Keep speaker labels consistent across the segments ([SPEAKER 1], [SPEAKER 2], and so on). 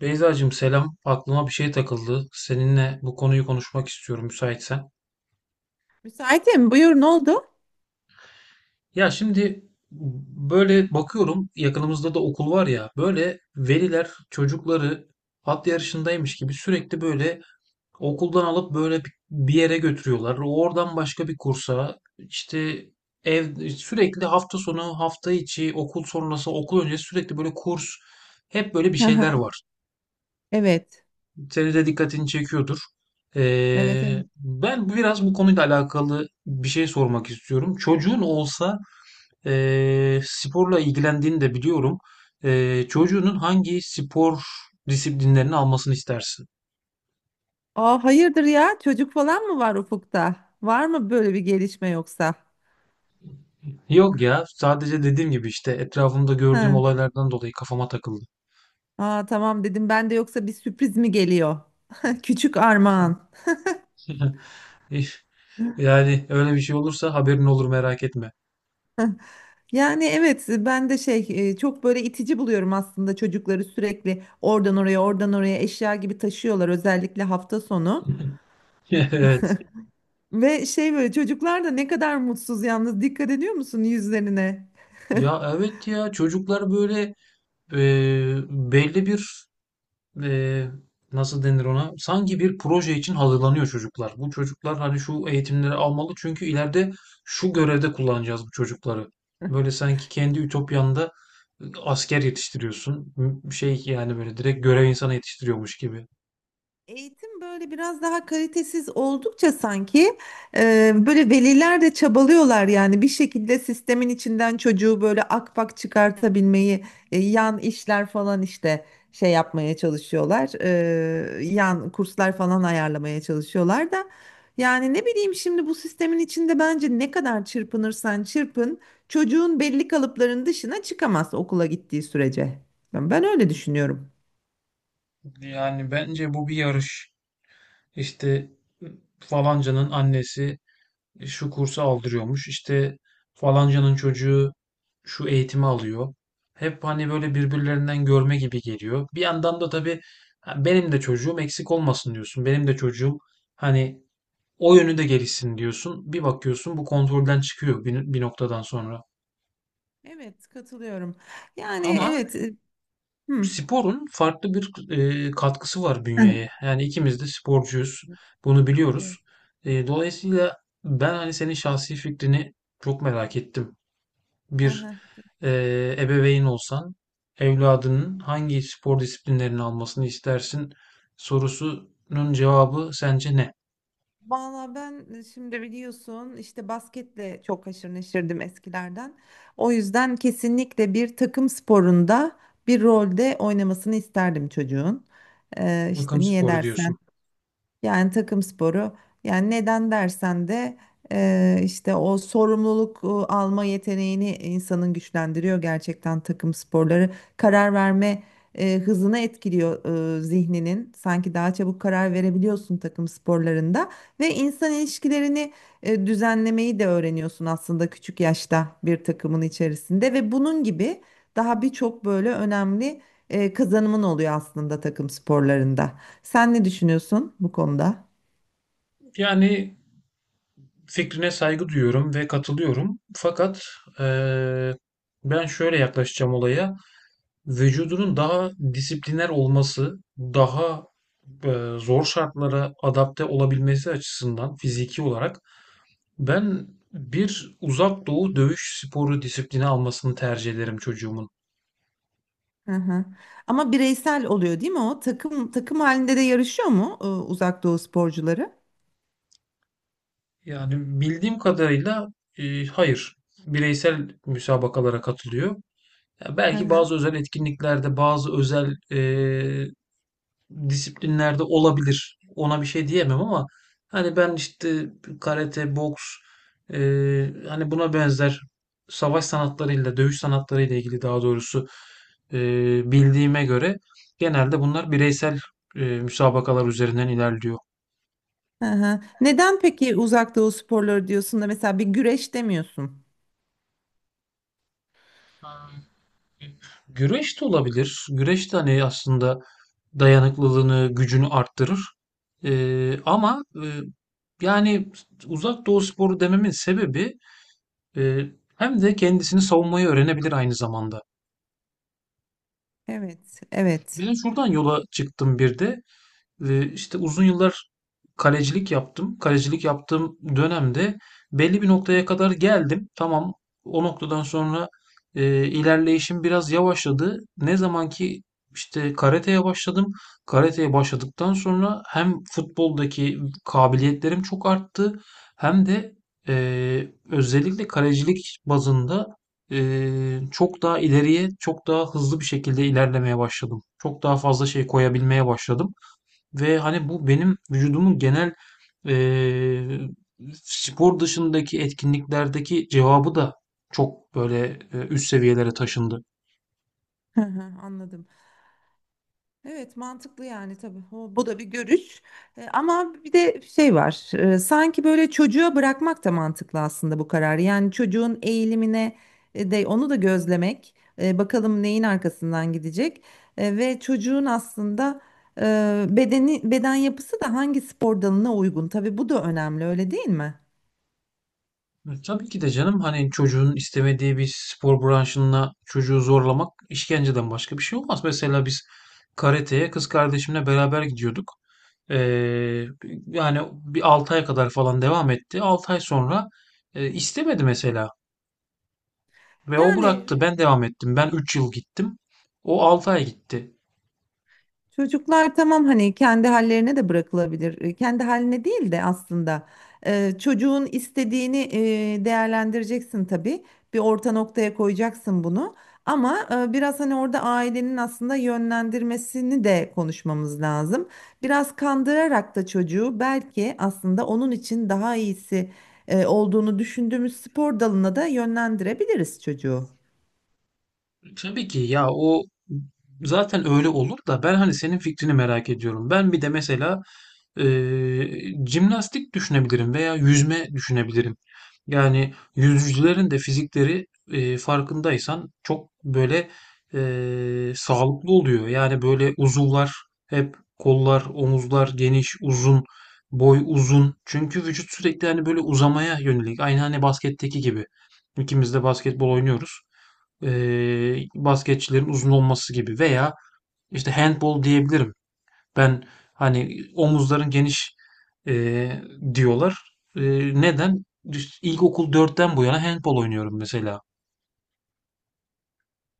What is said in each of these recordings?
[SPEAKER 1] Beyzacığım selam. Aklıma bir şey takıldı. Seninle bu konuyu konuşmak istiyorum müsaitsen.
[SPEAKER 2] Müsaitim. Buyur ne oldu?
[SPEAKER 1] Ya şimdi böyle bakıyorum, yakınımızda da okul var ya, böyle veliler çocukları at yarışındaymış gibi sürekli böyle okuldan alıp böyle bir yere götürüyorlar. Oradan başka bir kursa, işte ev, sürekli hafta sonu, hafta içi, okul sonrası, okul öncesi sürekli böyle kurs, hep böyle bir
[SPEAKER 2] Hı hı.
[SPEAKER 1] şeyler var.
[SPEAKER 2] Evet.
[SPEAKER 1] Senin de dikkatini çekiyordur.
[SPEAKER 2] Evet evet.
[SPEAKER 1] Ben biraz bu konuyla alakalı bir şey sormak istiyorum. Çocuğun olsa, sporla ilgilendiğini de biliyorum. Çocuğunun hangi spor disiplinlerini almasını istersin?
[SPEAKER 2] Aa, hayırdır ya? Çocuk falan mı var ufukta? Var mı böyle bir gelişme yoksa?
[SPEAKER 1] Yok ya, sadece dediğim gibi işte etrafımda gördüğüm
[SPEAKER 2] Hı.
[SPEAKER 1] olaylardan dolayı kafama takıldı.
[SPEAKER 2] Aa, tamam dedim ben de yoksa bir sürpriz mi geliyor? Küçük armağan.
[SPEAKER 1] Yani öyle bir şey olursa haberin olur, merak etme.
[SPEAKER 2] Yani evet ben de şey çok böyle itici buluyorum aslında çocukları sürekli oradan oraya oradan oraya eşya gibi taşıyorlar özellikle hafta sonu.
[SPEAKER 1] Evet.
[SPEAKER 2] Ve şey böyle çocuklar da ne kadar mutsuz yalnız dikkat ediyor musun yüzlerine?
[SPEAKER 1] Ya evet ya, çocuklar böyle e, belli bir, e, nasıl denir ona? Sanki bir proje için hazırlanıyor çocuklar. Bu çocuklar hani şu eğitimleri almalı, çünkü ileride şu görevde kullanacağız bu çocukları. Böyle sanki kendi ütopyanda asker yetiştiriyorsun. Şey, yani böyle direkt görev insanı yetiştiriyormuş gibi.
[SPEAKER 2] Eğitim böyle biraz daha kalitesiz oldukça sanki böyle veliler de çabalıyorlar yani bir şekilde sistemin içinden çocuğu böyle akpak çıkartabilmeyi yan işler falan işte şey yapmaya çalışıyorlar yan kurslar falan ayarlamaya çalışıyorlar da yani ne bileyim şimdi bu sistemin içinde bence ne kadar çırpınırsan çırpın çocuğun belli kalıpların dışına çıkamaz okula gittiği sürece ben öyle düşünüyorum.
[SPEAKER 1] Yani bence bu bir yarış. İşte e, falancanın annesi, şu kursu aldırıyormuş. İşte falancanın çocuğu şu eğitimi alıyor. Hep hani böyle birbirlerinden görme gibi geliyor. Bir yandan da tabii, ha, benim de çocuğum eksik olmasın diyorsun. Benim de çocuğum hani o yönü de gelişsin diyorsun. Bir bakıyorsun bu kontrolden çıkıyor bir noktadan sonra.
[SPEAKER 2] Evet katılıyorum. Yani
[SPEAKER 1] Ama
[SPEAKER 2] evet. Hı.
[SPEAKER 1] sporun farklı bir katkısı var
[SPEAKER 2] Heh.
[SPEAKER 1] bünyeye. Yani ikimiz de sporcuyuz. Bunu biliyoruz.
[SPEAKER 2] Evet.
[SPEAKER 1] Dolayısıyla ben hani senin şahsi fikrini çok merak ettim.
[SPEAKER 2] Hı
[SPEAKER 1] Bir
[SPEAKER 2] hı.
[SPEAKER 1] ebeveyn olsan evladının hangi spor disiplinlerini almasını istersin sorusunun cevabı sence ne?
[SPEAKER 2] Valla ben şimdi biliyorsun işte basketle çok haşır neşirdim eskilerden. O yüzden kesinlikle bir takım sporunda bir rolde oynamasını isterdim çocuğun.
[SPEAKER 1] Takım
[SPEAKER 2] İşte niye
[SPEAKER 1] sporu
[SPEAKER 2] dersen.
[SPEAKER 1] diyorsun.
[SPEAKER 2] Yani takım sporu. Yani neden dersen de işte o sorumluluk alma yeteneğini insanın güçlendiriyor gerçekten takım sporları. Karar verme hızını etkiliyor zihninin. Sanki daha çabuk karar verebiliyorsun takım sporlarında ve insan ilişkilerini düzenlemeyi de öğreniyorsun aslında küçük yaşta bir takımın içerisinde ve bunun gibi daha birçok böyle önemli kazanımın oluyor aslında takım sporlarında. Sen ne düşünüyorsun bu konuda?
[SPEAKER 1] Yani fikrine saygı duyuyorum ve katılıyorum. Fakat eee, ben şöyle yaklaşacağım olaya. Vücudunun daha disipliner olması, daha zor şartlara adapte olabilmesi açısından fiziki olarak, ben bir uzak doğu dövüş sporu disiplini almasını tercih ederim çocuğumun.
[SPEAKER 2] Hı hı. Ama bireysel oluyor değil mi o? Takım takım halinde de yarışıyor mu Uzak Doğu sporcuları?
[SPEAKER 1] Yani bildiğim kadarıyla hayır. Bireysel müsabakalara katılıyor. Ya
[SPEAKER 2] Hı
[SPEAKER 1] belki
[SPEAKER 2] hı.
[SPEAKER 1] bazı özel etkinliklerde, bazı özel disiplinlerde olabilir. Ona bir şey diyemem ama hani ben işte karate, boks, e, hani buna benzer savaş sanatlarıyla, dövüş sanatlarıyla ilgili daha doğrusu, e, bildiğime göre genelde bunlar bireysel müsabakalar üzerinden ilerliyor.
[SPEAKER 2] Hı hı. Neden peki Uzak Doğu sporları diyorsun da mesela bir güreş demiyorsun?
[SPEAKER 1] Güreş de olabilir. Güreş de hani aslında dayanıklılığını, gücünü arttırır. Ama yani uzak doğu sporu dememin sebebi, Ee, hem de kendisini savunmayı öğrenebilir aynı zamanda.
[SPEAKER 2] Evet, evet.
[SPEAKER 1] Ben şuradan yola çıktım bir de. İşte uzun yıllar kalecilik yaptım. Kalecilik yaptığım dönemde belli bir noktaya kadar geldim. Tamam, o noktadan sonra ilerleyişim biraz yavaşladı. Ne zaman ki işte karateye başladım. Karateye başladıktan sonra hem futboldaki kabiliyetlerim çok arttı, hem de özellikle kalecilik bazında çok daha ileriye, çok daha hızlı bir şekilde ilerlemeye başladım. Çok daha fazla şey koyabilmeye başladım. Ve hani bu benim vücudumun genel eee, spor dışındaki etkinliklerdeki cevabı da çok böyle üst seviyelere taşındı.
[SPEAKER 2] Hı hı, anladım. Evet mantıklı yani tabii. O, bu da bir görüş. E, ama bir de şey var. Sanki böyle çocuğa bırakmak da mantıklı aslında bu kararı. Yani çocuğun eğilimine de onu da gözlemek. Bakalım neyin arkasından gidecek. E, ve çocuğun aslında bedeni beden yapısı da hangi spor dalına uygun. Tabii bu da önemli öyle değil mi?
[SPEAKER 1] Tabii ki de canım, hani çocuğun istemediği bir spor branşına çocuğu zorlamak işkenceden başka bir şey olmaz. Mesela biz karateye kız kardeşimle beraber gidiyorduk. Eee, Yani bir 6 ay kadar falan devam etti. 6 ay sonra istemedi mesela. Ve o
[SPEAKER 2] Yani
[SPEAKER 1] bıraktı. Ben devam ettim. Ben 3 yıl gittim. O 6 ay gitti.
[SPEAKER 2] çocuklar tamam hani kendi hallerine de bırakılabilir. E, kendi haline değil de aslında çocuğun istediğini değerlendireceksin tabii. Bir orta noktaya koyacaksın bunu. Ama biraz hani orada ailenin aslında yönlendirmesini de konuşmamız lazım. Biraz kandırarak da çocuğu belki aslında onun için daha iyisi olduğunu düşündüğümüz spor dalına da yönlendirebiliriz çocuğu.
[SPEAKER 1] Tabii ki ya, o zaten öyle olur da ben hani senin fikrini merak ediyorum. Ben bir de mesela jimnastik düşünebilirim veya yüzme düşünebilirim. Yani yüzücülerin de fizikleri, farkındaysan çok böyle, sağlıklı oluyor. Yani böyle uzuvlar, hep kollar, omuzlar geniş, uzun, boy uzun. Çünkü vücut sürekli hani böyle uzamaya yönelik. Aynı hani basketteki gibi. İkimiz de basketbol oynuyoruz. Basketçilerin uzun olması gibi, veya işte handbol diyebilirim. Ben hani omuzların geniş eee, diyorlar. Neden? İlkokul dörtten bu yana handbol oynuyorum mesela.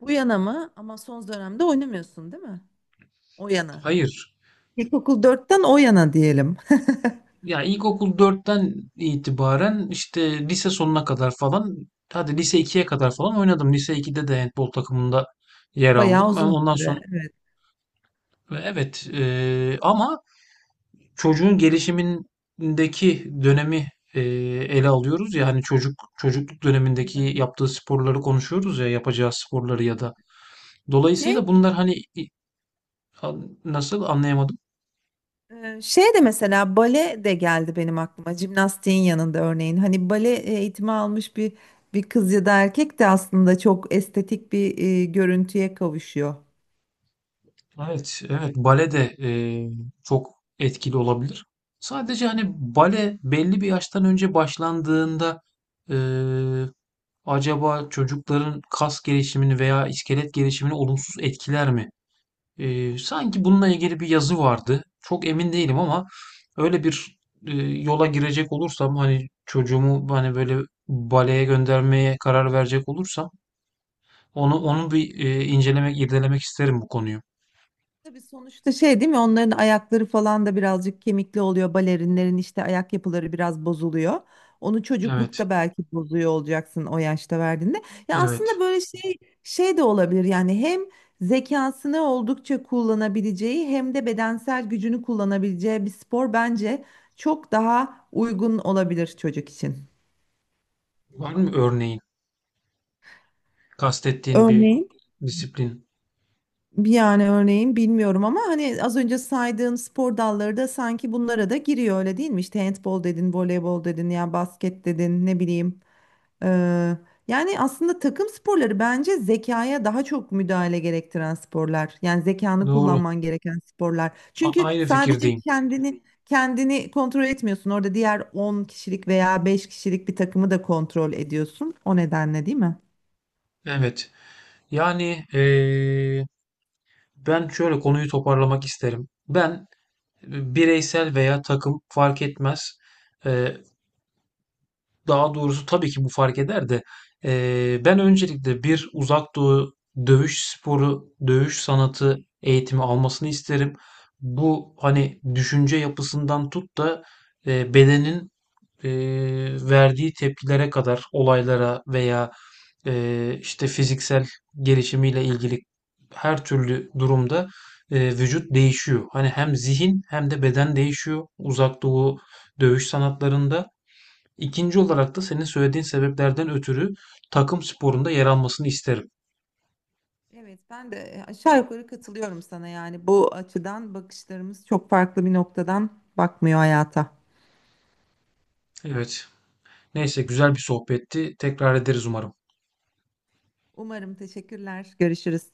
[SPEAKER 2] Bu yana mı? Ama son dönemde oynamıyorsun, değil mi? O yana.
[SPEAKER 1] Hayır.
[SPEAKER 2] İlkokul dörtten o yana diyelim.
[SPEAKER 1] Ya ilkokul dörtten itibaren işte lise sonuna kadar falan, hadi lise ikiye kadar falan oynadım. Lise iki'de de handbol takımında yer
[SPEAKER 2] Bayağı
[SPEAKER 1] aldım. Ben
[SPEAKER 2] uzun
[SPEAKER 1] ondan
[SPEAKER 2] bir süre.
[SPEAKER 1] sonra,
[SPEAKER 2] Evet.
[SPEAKER 1] evet, ama çocuğun gelişimindeki dönemi ele alıyoruz ya, hani çocuk çocukluk dönemindeki yaptığı sporları konuşuyoruz ya, yapacağı sporları ya da,
[SPEAKER 2] Şey,
[SPEAKER 1] dolayısıyla bunlar hani nasıl anlayamadım.
[SPEAKER 2] şey de mesela bale de geldi benim aklıma. Jimnastiğin yanında örneğin. Hani bale eğitimi almış bir kız ya da erkek de aslında çok estetik bir görüntüye kavuşuyor.
[SPEAKER 1] Evet, evet, bale de çok etkili olabilir. Sadece hani bale belli bir yaştan önce başlandığında, e, acaba çocukların kas gelişimini veya iskelet gelişimini olumsuz etkiler mi? Sanki bununla ilgili bir yazı vardı. Çok emin değilim ama öyle bir yola girecek olursam, hani çocuğumu hani böyle baleye göndermeye karar verecek olursam, onu bir incelemek, irdelemek isterim bu konuyu.
[SPEAKER 2] Tabii sonuçta şey değil mi? Onların ayakları falan da birazcık kemikli oluyor. Balerinlerin işte ayak yapıları biraz bozuluyor. Onu
[SPEAKER 1] Evet,
[SPEAKER 2] çocuklukta belki bozuyor olacaksın o yaşta verdiğinde. Ya
[SPEAKER 1] evet.
[SPEAKER 2] aslında böyle şey şey de olabilir. Yani hem zekasını oldukça kullanabileceği hem de bedensel gücünü kullanabileceği bir spor bence çok daha uygun olabilir çocuk için.
[SPEAKER 1] Var mı örneğin kastettiğin bir
[SPEAKER 2] Örneğin.
[SPEAKER 1] disiplin?
[SPEAKER 2] Yani örneğin bilmiyorum ama hani az önce saydığın spor dalları da sanki bunlara da giriyor öyle değil mi? İşte handbol dedin, voleybol dedin, ya basket dedin, ne bileyim. Ee, yani aslında takım sporları bence zekaya daha çok müdahale gerektiren sporlar. Yani zekanı
[SPEAKER 1] Doğru.
[SPEAKER 2] kullanman gereken sporlar. Çünkü
[SPEAKER 1] Aynı
[SPEAKER 2] sadece
[SPEAKER 1] fikirdeyim.
[SPEAKER 2] kendini kontrol etmiyorsun. Orada diğer 10 kişilik veya 5 kişilik bir takımı da kontrol ediyorsun. O nedenle değil mi?
[SPEAKER 1] Evet. Yani ben şöyle konuyu toparlamak isterim. Ben bireysel veya takım fark etmez. E, Daha doğrusu tabii ki bu fark eder de ben öncelikle bir uzak doğu dövüş sporu, dövüş sanatı eğitimi almasını isterim. Bu hani düşünce yapısından tut da bedenin verdiği tepkilere kadar olaylara, veya işte fiziksel gelişimiyle ilgili her türlü durumda vücut değişiyor. Hani hem zihin hem de beden değişiyor uzak doğu dövüş sanatlarında. İkinci olarak da senin söylediğin sebeplerden ötürü takım sporunda yer almasını isterim.
[SPEAKER 2] Evet, ben de aşağı yukarı katılıyorum sana yani bu açıdan bakışlarımız çok farklı bir noktadan bakmıyor hayata.
[SPEAKER 1] Evet. Neyse güzel bir sohbetti. Tekrar ederiz umarım.
[SPEAKER 2] Umarım teşekkürler. Görüşürüz.